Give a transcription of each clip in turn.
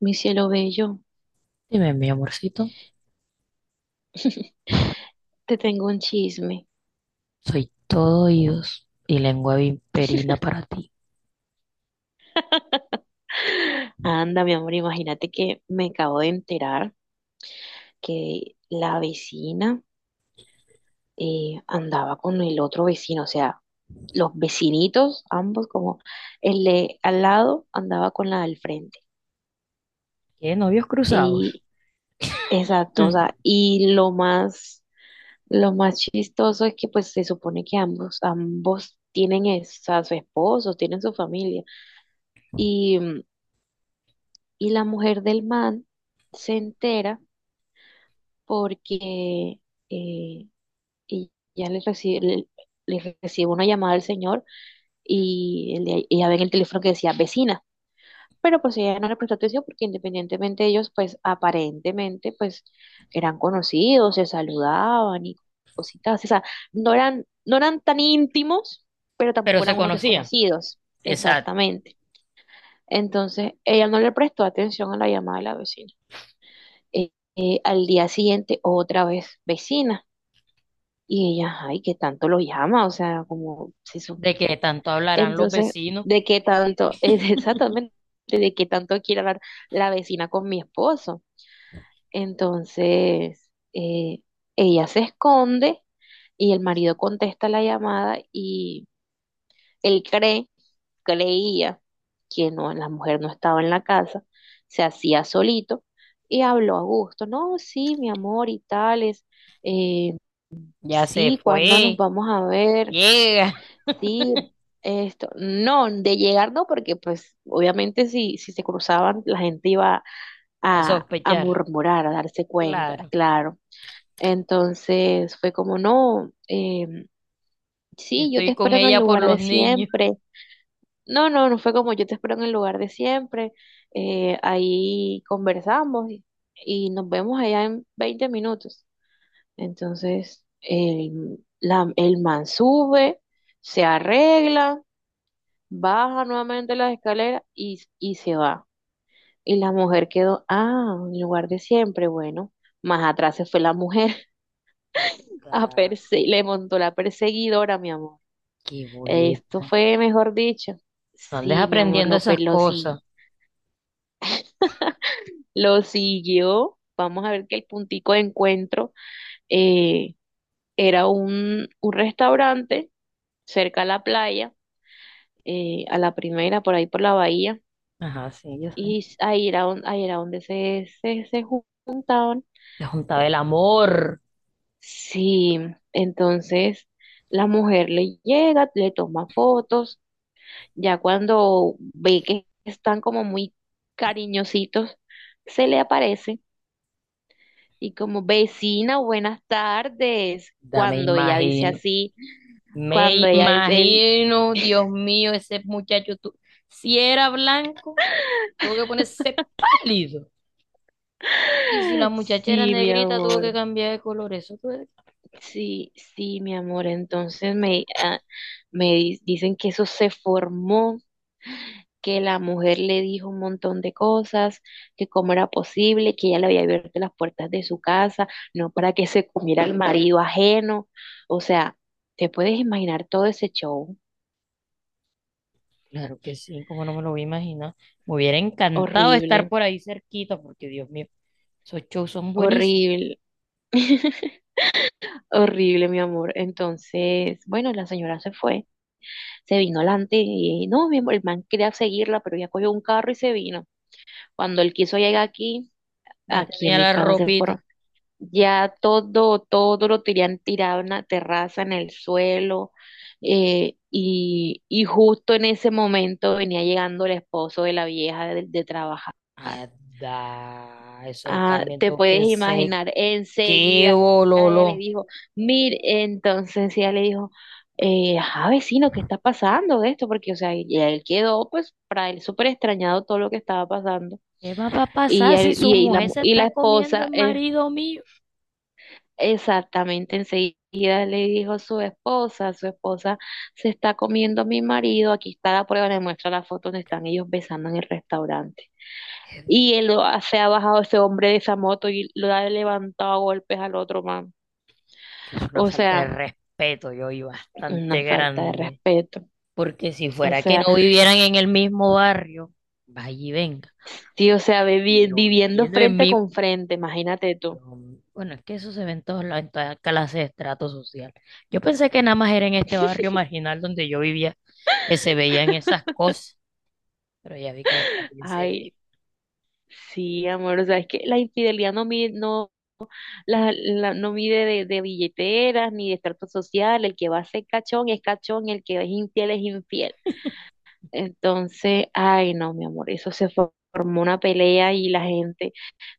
Mi cielo bello, Dime, mi amorcito, te tengo un chisme. soy todo oídos y lengua vimperina para ti. Anda, mi amor, imagínate que me acabo de enterar que la vecina andaba con el otro vecino. O sea, los vecinitos, ambos como el de al lado andaba con la del frente. ¿Qué novios cruzados? Y exacto, o Mm, sea, lo más chistoso es que pues se supone que ambos a su esposo, tienen su familia. Y la mujer del man se entera porque eh, ella le recibe una llamada del señor y ella ve en el teléfono que decía vecina. Pero pues ella no le prestó atención porque, independientemente de ellos, pues aparentemente pues eran conocidos, se saludaban y cositas así. O sea, no eran tan íntimos, pero Pero tampoco se eran unos conocían. desconocidos. Exacto. Exactamente. Entonces, ella no le prestó atención a la llamada de la vecina. Al día siguiente, otra vez vecina. Y ella, ay, que tanto lo llama, o sea, como si su- De que tanto hablarán los entonces, vecinos. ¿de qué tanto? Es exactamente, ¿de qué tanto quiere hablar la vecina con mi esposo? Entonces, ella se esconde y el marido contesta la llamada y él cree, creía que no, la mujer no estaba en la casa, se hacía solito y habló a gusto. No, sí, mi amor y tales, eh, Ya se sí, ¿cuándo nos fue. vamos a ver? Llega Sí, esto. No, de llegar no, porque pues obviamente si, si se cruzaban la gente iba a a sospechar. murmurar, a darse cuenta, Claro. claro. Entonces fue como, no, Yo sí, yo te estoy con espero en el ella por lugar los de niños. siempre. No, no, no fue como yo te espero en el lugar de siempre. Ahí y nos vemos allá en 20 minutos. Entonces, el man sube, se arregla, baja nuevamente las escaleras y se va. Y la mujer quedó, ah, en el lugar de siempre, bueno. Más atrás se fue la mujer ¿Verdad? Le montó la perseguidora, mi amor. Qué Esto boleta. fue, mejor dicho. No andes Sí, mi amor, aprendiendo lo, esas pe- lo, si- cosas. lo siguió. Vamos a ver que el puntico de encuentro eh, era un restaurante cerca a la playa, a la primera, por ahí por la bahía, Ajá, sí, yo sé. y ahí era donde se juntaban. Te juntaba el amor. Sí, entonces la mujer le llega, le toma fotos, ya cuando ve que están como muy cariñositos, se le aparece y como vecina, buenas tardes. Ya me Cuando ella dice imagino. así, Me cuando ella dice el, imagino, Dios mío, ese muchacho, tú, si era blanco, tuvo que ponerse pálido. Y si la muchacha era sí, mi negrita, tuvo que amor. cambiar de color. Eso fue- Sí, sí, mi amor. Entonces me, ah, me di- dicen que eso se formó, que la mujer le dijo un montón de cosas, que cómo era posible, que ella le había abierto las puertas de su casa, no para que se comiera al marido ajeno. O sea, te puedes imaginar todo ese show. Claro que sí, como no me lo voy a imaginar. Me hubiera encantado estar Horrible, por ahí cerquita, porque Dios mío, esos shows son buenísimos. horrible, horrible, mi amor. Entonces, bueno, la señora se fue, se vino adelante y no, mi amor, el man quería seguirla, pero ella cogió un carro y se vino. Cuando él quiso llegar aquí, Ya aquí en tenía mi la casa se fueron. ropita. Todo lo tenían tirado en la terraza, en el suelo. Y justo en ese momento venía llegando el esposo de la vieja de trabajar. Ada, eso Ah, también te tengo puedes que sé imaginar, qué enseguida ella le bololo. dijo, mire. Entonces ella le dijo, ajá, vecino, ¿qué está pasando de esto? Porque, o sea, y él quedó, pues, para él súper extrañado todo lo que estaba pasando. ¿Qué más va a Y, pasar si él, su y la, mujer mu- se y la está comiendo el esposa, marido mío? exactamente enseguida le dijo a su esposa se está comiendo a mi marido, aquí está la prueba, le muestra la foto donde están ellos besando en el restaurante. Y se ha bajado ese hombre de esa moto y lo ha levantado a golpes al otro man. Que es una O falta de sea, respeto, yo, y una bastante falta de grande. respeto. Porque si O fuera que sea, no vivieran en el mismo barrio, vaya y venga. sí, o sea, Pero viviendo viviendo en frente mi... con frente, imagínate tú. Bueno, es que eso se ve en todas las en toda clase de estrato social. Yo pensé que nada más era en este barrio marginal donde yo vivía que se veían esas cosas, pero ya vi que allá también se ve. Ay, sí, amor, o sea, es que la infidelidad no mide, no. No mide de billeteras ni de estrato social. El que va a ser cachón es cachón, el que es infiel es infiel. Entonces, ay, no, mi amor, formó una pelea, y la gente,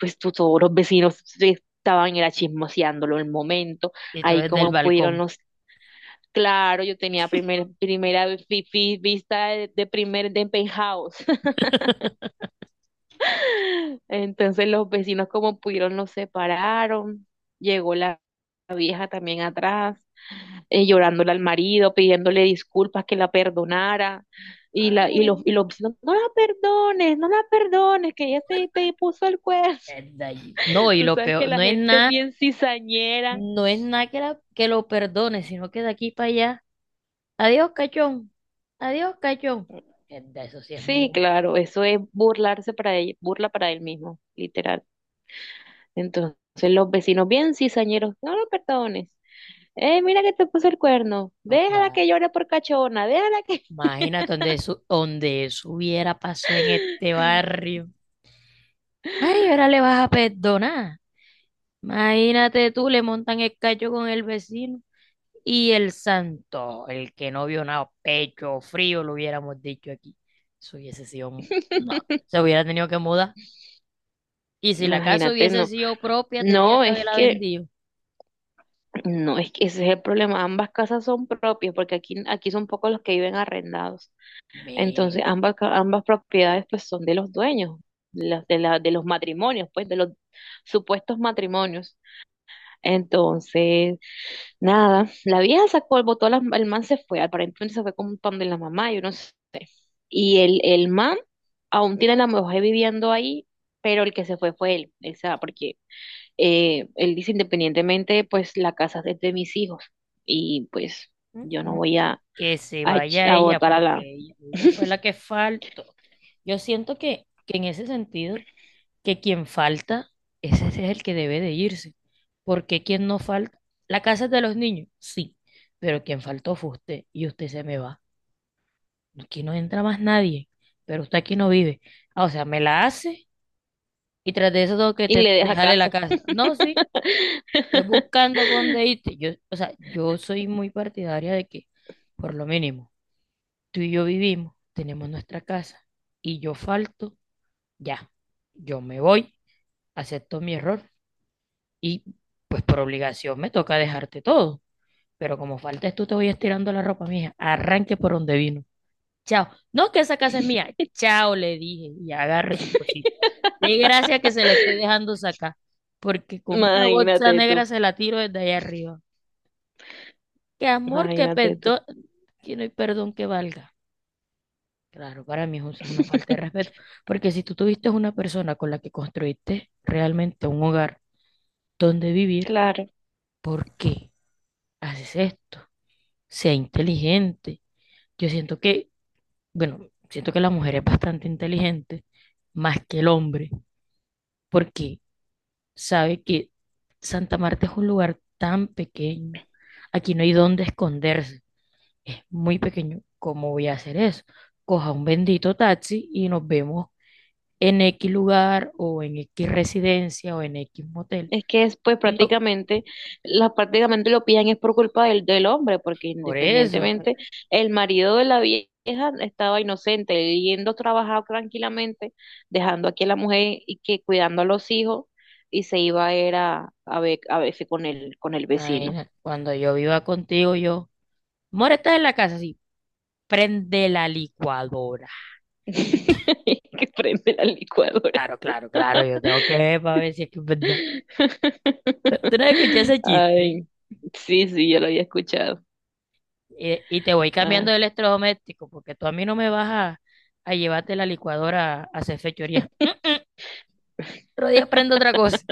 pues tú, todos los vecinos se estaban era chismoseándolo el momento. Y todo Ahí desde el como pudieron balcón. los. Claro, yo tenía primera vista de primer de penthouse. Entonces los vecinos como pudieron los separaron. Llegó la vieja también atrás, llorándole al marido, pidiéndole disculpas, que la perdonara. Y Ah, la, bueno. y los, No, no la perdones, no la perdones, que ella te, te puso el cuerno. Es de allí. No, y Tú lo sabes que peor, la no es gente es nada, bien cizañera. no es nada que, la- que lo perdone, sino que de aquí para allá. Adiós, cachón. Adiós, cachón. De eso sí es Sí, muy... claro, eso es burlarse para él, burla para él mismo, literal. Entonces los vecinos bien cizañeros, no lo perdones. Mira que te puso el cuerno. No, Déjala claro. que llore por cachona, déjala que. Imagínate donde eso hubiera pasado en este barrio. Ay, ahora le vas a perdonar. Imagínate tú, le montan el cacho con el vecino. Y el santo, el que no vio nada, pecho frío, lo hubiéramos dicho aquí. Eso hubiese sido... un- No, se hubiera tenido que mudar. Y si la casa Imagínate, hubiese no. sido propia, tenía No, que es haberla que vendido. No, es que ese es el problema. Ambas casas son propias porque aquí, aquí son pocos los que viven arrendados. Entonces, Men. Ambas propiedades pues son de los dueños, de los matrimonios, pues de los supuestos matrimonios. Entonces, nada, la vieja sacó, el man se fue, aparentemente se fue con un pan de la mamá, yo no sé. Y el man aún tiene la mujer viviendo ahí, pero el que se fue fue él, o sea, porque él dice independientemente, pues la casa es de mis hijos, y pues yo no voy Que se vaya a ella, botar a la... porque ella fue la que faltó. Yo siento que en ese sentido, que quien falta, ese es el que debe de irse, porque quien no falta, la casa es de los niños, sí, pero quien faltó fue usted y usted se me va. Aquí no entra más nadie, pero usted aquí no vive. Ah, o sea, me la hace y tras de eso tengo que Y te- le deja dejarle la casa. casa. No, sí, es buscando por dónde irte. Yo, o sea, yo soy muy partidaria de que, por lo mínimo, tú y yo vivimos, tenemos nuestra casa y yo falto, ya, yo me voy, acepto mi error y pues por obligación me toca dejarte todo. Pero como faltas tú, te voy estirando la ropa, mija. Arranque por donde vino. Chao. No, que esa casa es mía. Chao, le dije y agarre sus cositas. De gracia que se le estoy dejando sacar, porque con una bolsa Imagínate negra tú, se la tiro desde allá arriba. Que amor, que imagínate tú. perdón, que no hay perdón que valga. Claro, para mí eso es una falta de respeto, porque si tú tuviste una persona con la que construiste realmente un hogar donde vivir, Claro. ¿por qué haces esto? Sea inteligente. Yo siento que, bueno, siento que la mujer es bastante inteligente, más que el hombre, porque sabe que Santa Marta es un lugar tan pequeño, aquí no hay dónde esconderse, es muy pequeño. ¿Cómo voy a hacer eso? Coja un bendito taxi y nos vemos en X lugar o en X residencia o en X motel. Es que es pues Y no, prácticamente, la, prácticamente lo pillan es por culpa del hombre, porque por eso, independientemente el marido de la vieja estaba inocente, yendo a trabajar tranquilamente, dejando aquí a la mujer y que cuidando a los hijos, y se iba a ir a verse con el vecino. imagina, cuando yo viva contigo, yo, amor, estás en la casa, sí, prende la licuadora. Que prende la licuadora. Claro, claro, claro, yo tengo que ver para ver si es que es verdad. Tú no escuché ese chiste. Ay, sí, sí, yo lo había escuchado. Y te voy cambiando Ah. de electrodoméstico porque tú a mí no me vas a llevarte la licuadora a hacer fechorías. Otro día prendo otra cosa.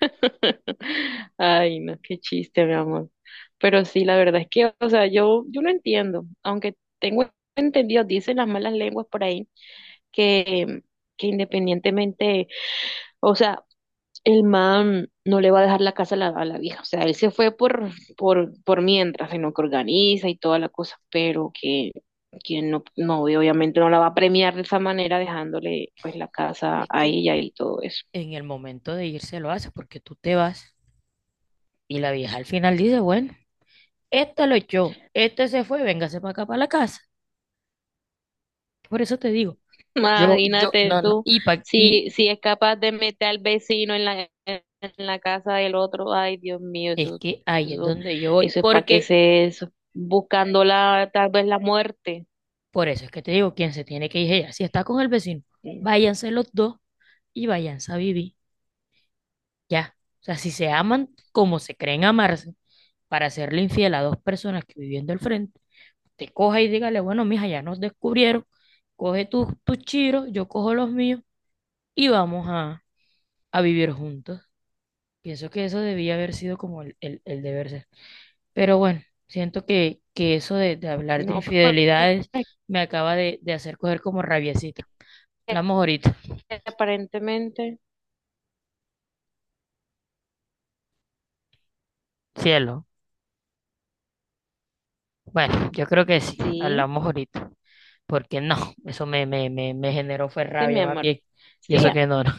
Ay, no, qué chiste, mi amor. Pero sí, la verdad es que, o sea, yo no entiendo, aunque tengo entendido, dicen las malas lenguas por ahí, que, que independientemente, o sea, el man no le va a dejar la casa a la vieja, o sea, él se fue por mientras, sino que organiza y toda la cosa, pero que no, no, y obviamente no la va a premiar de esa manera dejándole pues la casa Es a que ella y todo eso. en el momento de irse lo haces porque tú te vas y la vieja al final dice, bueno. Este lo echó, este se fue, véngase para acá, para la casa. Por eso te digo, yo, Imagínate no, no, tú, y, pa- y si, si es capaz de meter al vecino en la casa del otro, ay Dios mío, es que ahí es eso, donde yo voy, eso es para qué porque se eso, buscando la, tal vez la muerte. por eso es que te digo, quien se tiene que ir es ella. Si está con el vecino, Mm. váyanse los dos y váyanse a vivir, ya. O sea, si se aman como se creen amarse, para hacerle infiel a dos personas que viviendo al frente, te coja y dígale, bueno, mija, ya nos descubrieron, coge tus chiros, yo cojo los míos y vamos a vivir juntos. Pienso que eso debía haber sido como el deber ser. Pero bueno, siento que eso de hablar de No, pero infidelidades es me acaba de hacer coger como rabiecita. Hablamos ahorita. que aparentemente, Cielo. Bueno, yo creo que sí, sí, hablamos ahorita. Porque no, eso me, me, me, me generó fue sí, mi rabia más amor. bien. Y Sí, eso que no. No.